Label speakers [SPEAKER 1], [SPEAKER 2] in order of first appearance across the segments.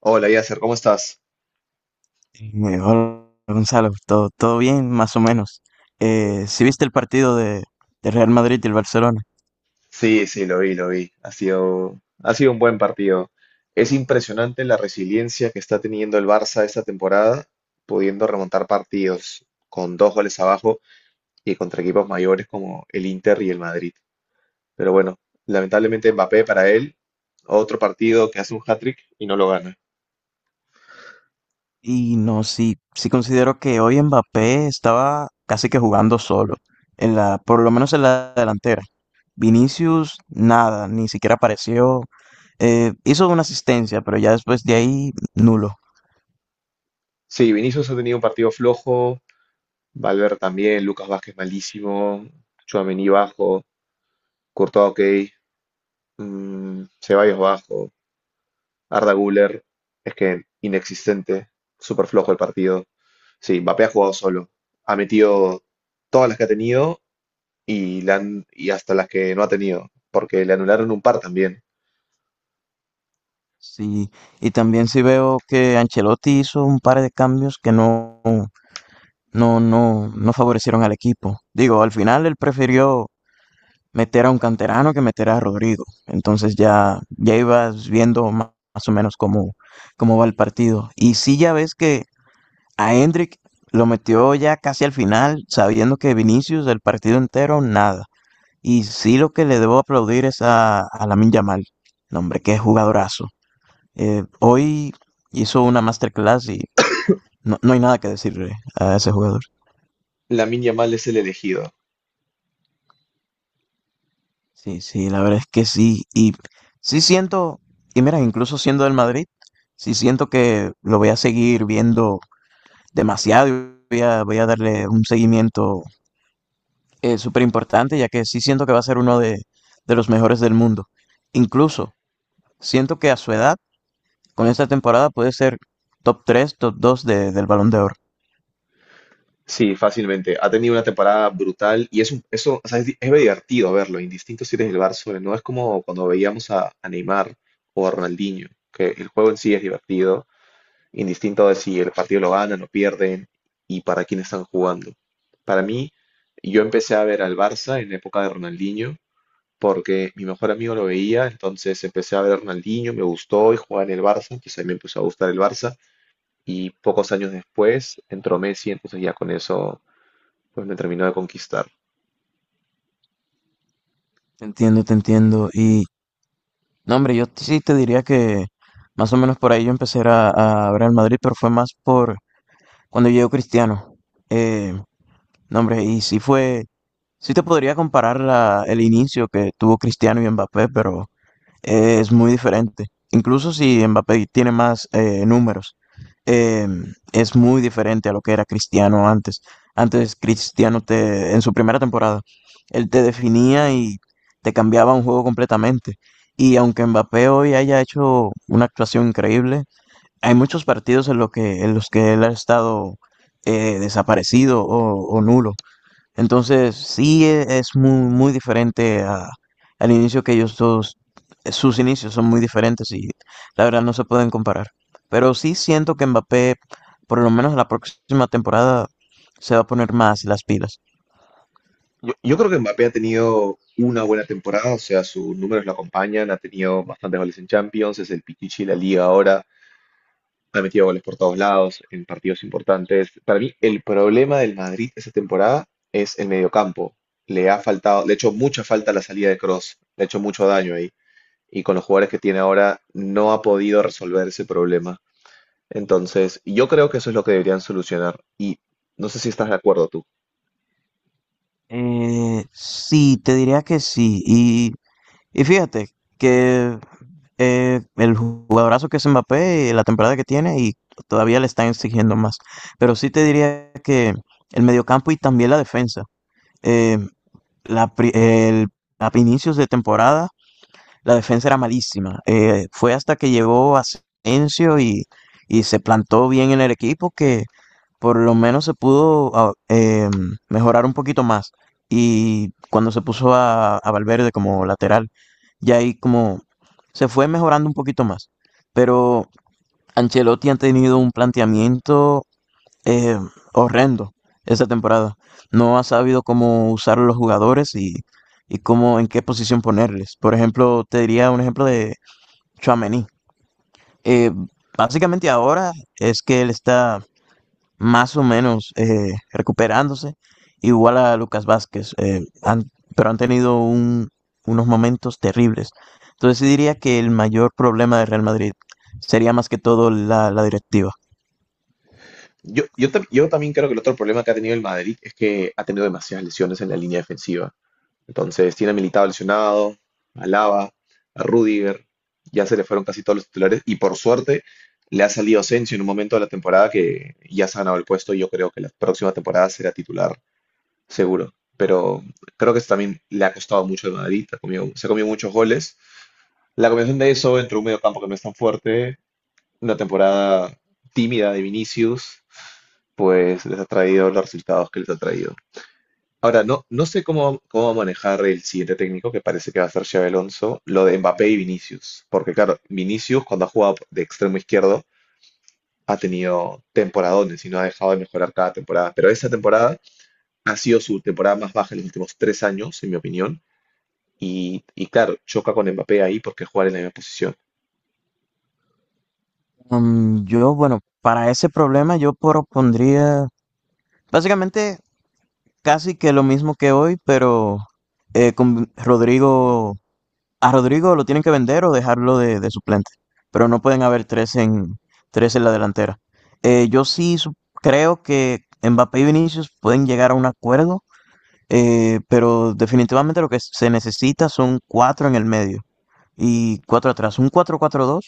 [SPEAKER 1] Hola, Yasser, ¿cómo estás?
[SPEAKER 2] Hola Gonzalo, todo bien, más o menos. Sí, ¿viste el partido de Real Madrid y el Barcelona?
[SPEAKER 1] Sí, sí, lo vi, lo vi. Ha sido un buen partido. Es impresionante la resiliencia que está teniendo el Barça esta temporada, pudiendo remontar partidos con dos goles abajo y contra equipos mayores como el Inter y el Madrid. Pero bueno, lamentablemente Mbappé para él, otro partido que hace un hat-trick y no lo gana.
[SPEAKER 2] Y no, sí, sí considero que hoy Mbappé estaba casi que jugando solo, por lo menos en la delantera. Vinicius, nada, ni siquiera apareció. Hizo una asistencia, pero ya después de ahí, nulo.
[SPEAKER 1] Sí, Vinicius ha tenido un partido flojo, Valverde también, Lucas Vázquez malísimo, Tchouaméni bajo, Courtois ok, Ceballos bajo. Arda Güler es que inexistente, súper flojo el partido. Sí, Mbappé ha jugado solo. Ha metido todas las que ha tenido y, y hasta las que no ha tenido, porque le anularon un par también.
[SPEAKER 2] Sí, y también sí veo que Ancelotti hizo un par de cambios que no favorecieron al equipo. Digo, al final él prefirió meter a un canterano que meter a Rodrigo. Entonces ya ibas viendo más o menos cómo va el partido. Y sí ya ves que a Hendrick lo metió ya casi al final, sabiendo que Vinicius el partido entero, nada. Y sí lo que le debo aplaudir es a Lamin Yamal. No, hombre, qué jugadorazo. Hoy hizo una masterclass y no hay nada que decirle a ese jugador.
[SPEAKER 1] Lamine Yamal es el elegido.
[SPEAKER 2] Sí, sí, la verdad es que sí. Y sí siento, y mira, incluso siendo del Madrid, sí siento que lo voy a seguir viendo demasiado. Y voy a darle un seguimiento súper importante, ya que sí siento que va a ser uno de los mejores del mundo. Incluso siento que a su edad, con esta temporada, puede ser top 3, top 2 del Balón de Oro.
[SPEAKER 1] Sí, fácilmente. Ha tenido una temporada brutal y es un, eso, o sea, es divertido verlo, indistinto si eres del Barça, o no es como cuando veíamos a Neymar o a Ronaldinho, que el juego en sí es divertido indistinto de si el partido lo ganan o pierden y para quién están jugando. Para mí, yo empecé a ver al Barça en la época de Ronaldinho porque mi mejor amigo lo veía, entonces empecé a ver a Ronaldinho, me gustó y jugaba en el Barça, entonces a mí me empezó a gustar el Barça y pocos años después entró Messi, entonces ya con eso pues me terminó de conquistar.
[SPEAKER 2] Te entiendo, te entiendo. Y no, hombre, yo sí te diría que más o menos por ahí yo empecé a ver al Madrid, pero fue más por cuando llegó Cristiano. Eh, no, hombre, y sí te podría comparar el inicio que tuvo Cristiano y Mbappé, pero es muy diferente. Incluso si Mbappé tiene más números, eh, es muy diferente a lo que era Cristiano antes. Antes Cristiano en su primera temporada, él te definía y te cambiaba un juego completamente. Y aunque Mbappé hoy haya hecho una actuación increíble, hay muchos partidos en los que él ha estado desaparecido o nulo. Entonces, sí es muy, muy diferente al inicio que ellos dos, sus inicios son muy diferentes y la verdad no se pueden comparar. Pero sí siento que Mbappé, por lo menos la próxima temporada, se va a poner más las pilas.
[SPEAKER 1] Yo creo que Mbappé ha tenido una buena temporada, o sea, sus números lo acompañan, ha tenido bastantes goles en Champions, es el pichichi de la liga ahora. Ha metido goles por todos lados, en partidos importantes. Para mí, el problema del Madrid esta temporada es el mediocampo. Le ha faltado, le ha hecho mucha falta la salida de Cross, le ha hecho mucho daño ahí. Y con los jugadores que tiene ahora, no ha podido resolver ese problema. Entonces, yo creo que eso es lo que deberían solucionar. Y no sé si estás de acuerdo tú.
[SPEAKER 2] Sí, te diría que sí. Y fíjate que el jugadorazo que es Mbappé, la temporada que tiene y todavía le están exigiendo más. Pero sí te diría que el mediocampo y también la defensa. eh, la, pri- el, a inicios de temporada la defensa era malísima. Fue hasta que llegó Asensio y se plantó bien en el equipo que por lo menos se pudo mejorar un poquito más. Y cuando se puso a Valverde como lateral, ya ahí como se fue mejorando un poquito más. Pero Ancelotti ha tenido un planteamiento eh, horrendo esta temporada. No ha sabido cómo usar a los jugadores y en qué posición ponerles. Por ejemplo, te diría un ejemplo de Tchouaméni. Eh, Básicamente ahora es que él está más o menos recuperándose, igual a Lucas Vázquez, pero han tenido unos momentos terribles. Entonces sí diría que el mayor problema de Real Madrid sería más que todo la directiva.
[SPEAKER 1] Yo también creo que el otro problema que ha tenido el Madrid es que ha tenido demasiadas lesiones en la línea defensiva. Entonces tiene a Militao lesionado, a Alaba, a Rudiger, ya se le fueron casi todos los titulares y por suerte le ha salido Asensio en un momento de la temporada que ya se ha ganado el puesto y yo creo que la próxima temporada será titular seguro. Pero creo que eso también le ha costado mucho de Madrid, se ha comido muchos goles. La combinación de eso entre un medio campo que no es tan fuerte, una temporada tímida de Vinicius, pues les ha traído los resultados que les ha traído. Ahora, no sé cómo, cómo va a manejar el siguiente técnico, que parece que va a ser Xabi Alonso, lo de Mbappé y Vinicius. Porque claro, Vinicius cuando ha jugado de extremo izquierdo ha tenido temporadones y no ha dejado de mejorar cada temporada. Pero esa temporada ha sido su temporada más baja en los últimos tres años, en mi opinión. Y claro, choca con Mbappé ahí porque jugar en la misma posición.
[SPEAKER 2] Bueno, para ese problema yo propondría básicamente casi que lo mismo que hoy, pero con Rodrigo, a Rodrigo lo tienen que vender o dejarlo de suplente, pero no pueden haber tres en la delantera. Yo sí creo que Mbappé y Vinicius pueden llegar a un acuerdo, pero definitivamente lo que se necesita son cuatro en el medio y cuatro atrás, un 4-4-2.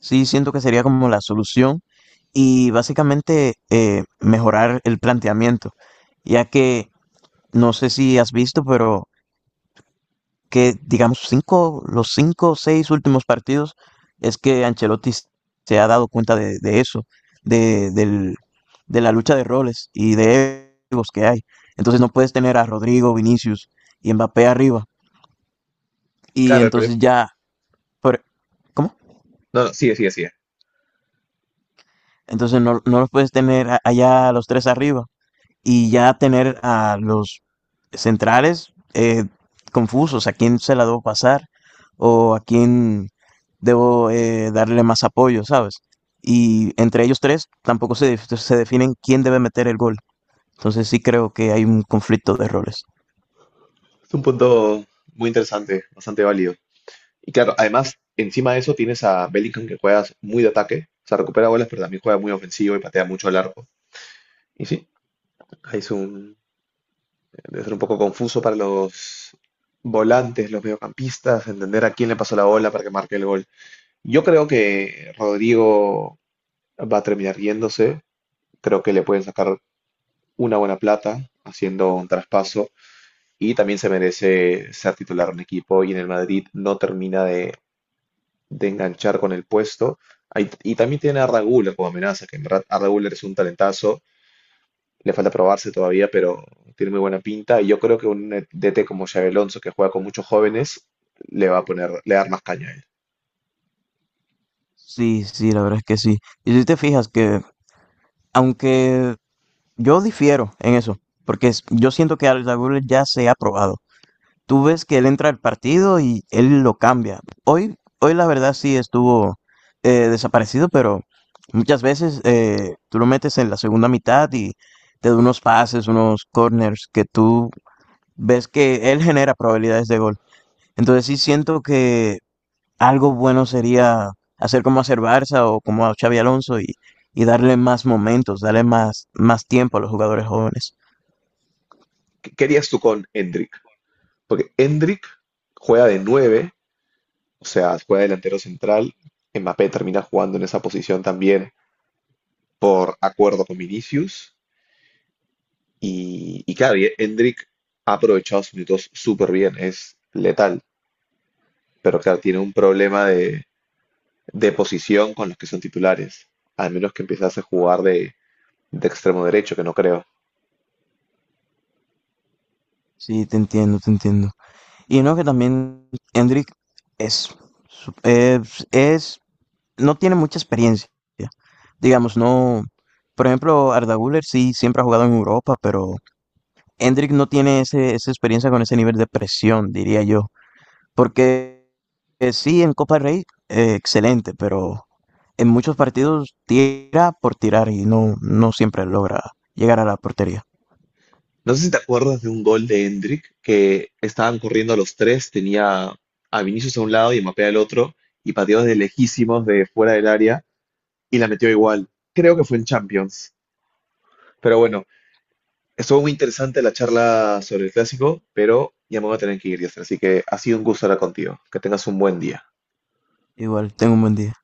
[SPEAKER 2] Sí, siento que sería como la solución y básicamente mejorar el planteamiento, ya que no sé si has visto, pero que digamos los cinco o seis últimos partidos es que Ancelotti se ha dado cuenta de eso, de, del- de la lucha de roles y de egos que hay. Entonces no puedes tener a Rodrigo, Vinicius y Mbappé arriba y
[SPEAKER 1] Claro, el problema.
[SPEAKER 2] entonces ya, por- ¿cómo?
[SPEAKER 1] No, no, sigue, sigue, sigue.
[SPEAKER 2] Entonces no los puedes tener allá a los tres arriba y ya tener a los centrales confusos, a quién se la debo pasar o a quién debo darle más apoyo, ¿sabes? Y entre ellos tres tampoco se definen quién debe meter el gol. Entonces sí creo que hay un conflicto de roles.
[SPEAKER 1] Es un punto muy interesante, bastante válido. Y claro, además, encima de eso tienes a Bellingham que juega muy de ataque, o sea, recupera bolas, pero también juega muy ofensivo y patea mucho largo. Y sí, ahí es un, debe ser un poco confuso para los volantes, los mediocampistas, entender a quién le pasó la bola para que marque el gol. Yo creo que Rodrigo va a terminar yéndose, creo que le pueden sacar una buena plata haciendo un traspaso y también se merece ser titular en un equipo y en el Madrid no termina de enganchar con el puesto. Y también tiene a Raguler como amenaza, que en verdad Arda Güler es un talentazo, le falta probarse todavía, pero tiene muy buena pinta. Y yo creo que un DT como Xabi Alonso, que juega con muchos jóvenes, le va a poner, le va a dar más caña a él.
[SPEAKER 2] Sí, sí, la verdad es que sí. Y si te fijas que aunque Yo difiero en eso, porque yo siento que Alex Lagunes ya se ha probado. Tú ves que él entra al partido y él lo cambia. Hoy la verdad sí estuvo desaparecido, pero muchas veces tú lo metes en la segunda mitad y te da unos pases, unos corners que tú ves que él genera probabilidades de gol. Entonces sí siento que algo bueno sería hacer como hacer Barça o como a Xavi Alonso y darle más momentos, darle más tiempo a los jugadores jóvenes.
[SPEAKER 1] ¿Qué querías tú con Endrick? Porque Endrick juega de nueve, o sea, juega delantero central. Mbappé termina jugando en esa posición también por acuerdo con Vinicius. Y claro, y Endrick ha aprovechado sus minutos súper bien, es letal. Pero claro, tiene un problema de posición con los que son titulares. Al menos que empezase a jugar de extremo derecho, que no creo.
[SPEAKER 2] Sí, te entiendo, te entiendo. Y no que también Hendrik es, su- es- no tiene mucha experiencia. Digamos, no. Por ejemplo, Arda Güler sí siempre ha jugado en Europa, pero Hendrik no tiene esa experiencia con ese nivel de presión, diría yo. Porque sí, en Copa del Rey, excelente, pero en muchos partidos tira por tirar y no siempre logra llegar a la portería.
[SPEAKER 1] No sé si te acuerdas de un gol de Endrick que estaban corriendo los tres, tenía a Vinicius a un lado y a Mbappé al otro, y pateó de lejísimos de fuera del área y la metió igual. Creo que fue en Champions. Pero bueno, estuvo muy interesante la charla sobre el clásico, pero ya me voy a tener que ir, Yasser, así que ha sido un gusto hablar contigo. Que tengas un buen día.
[SPEAKER 2] Igual, tengo un buen día.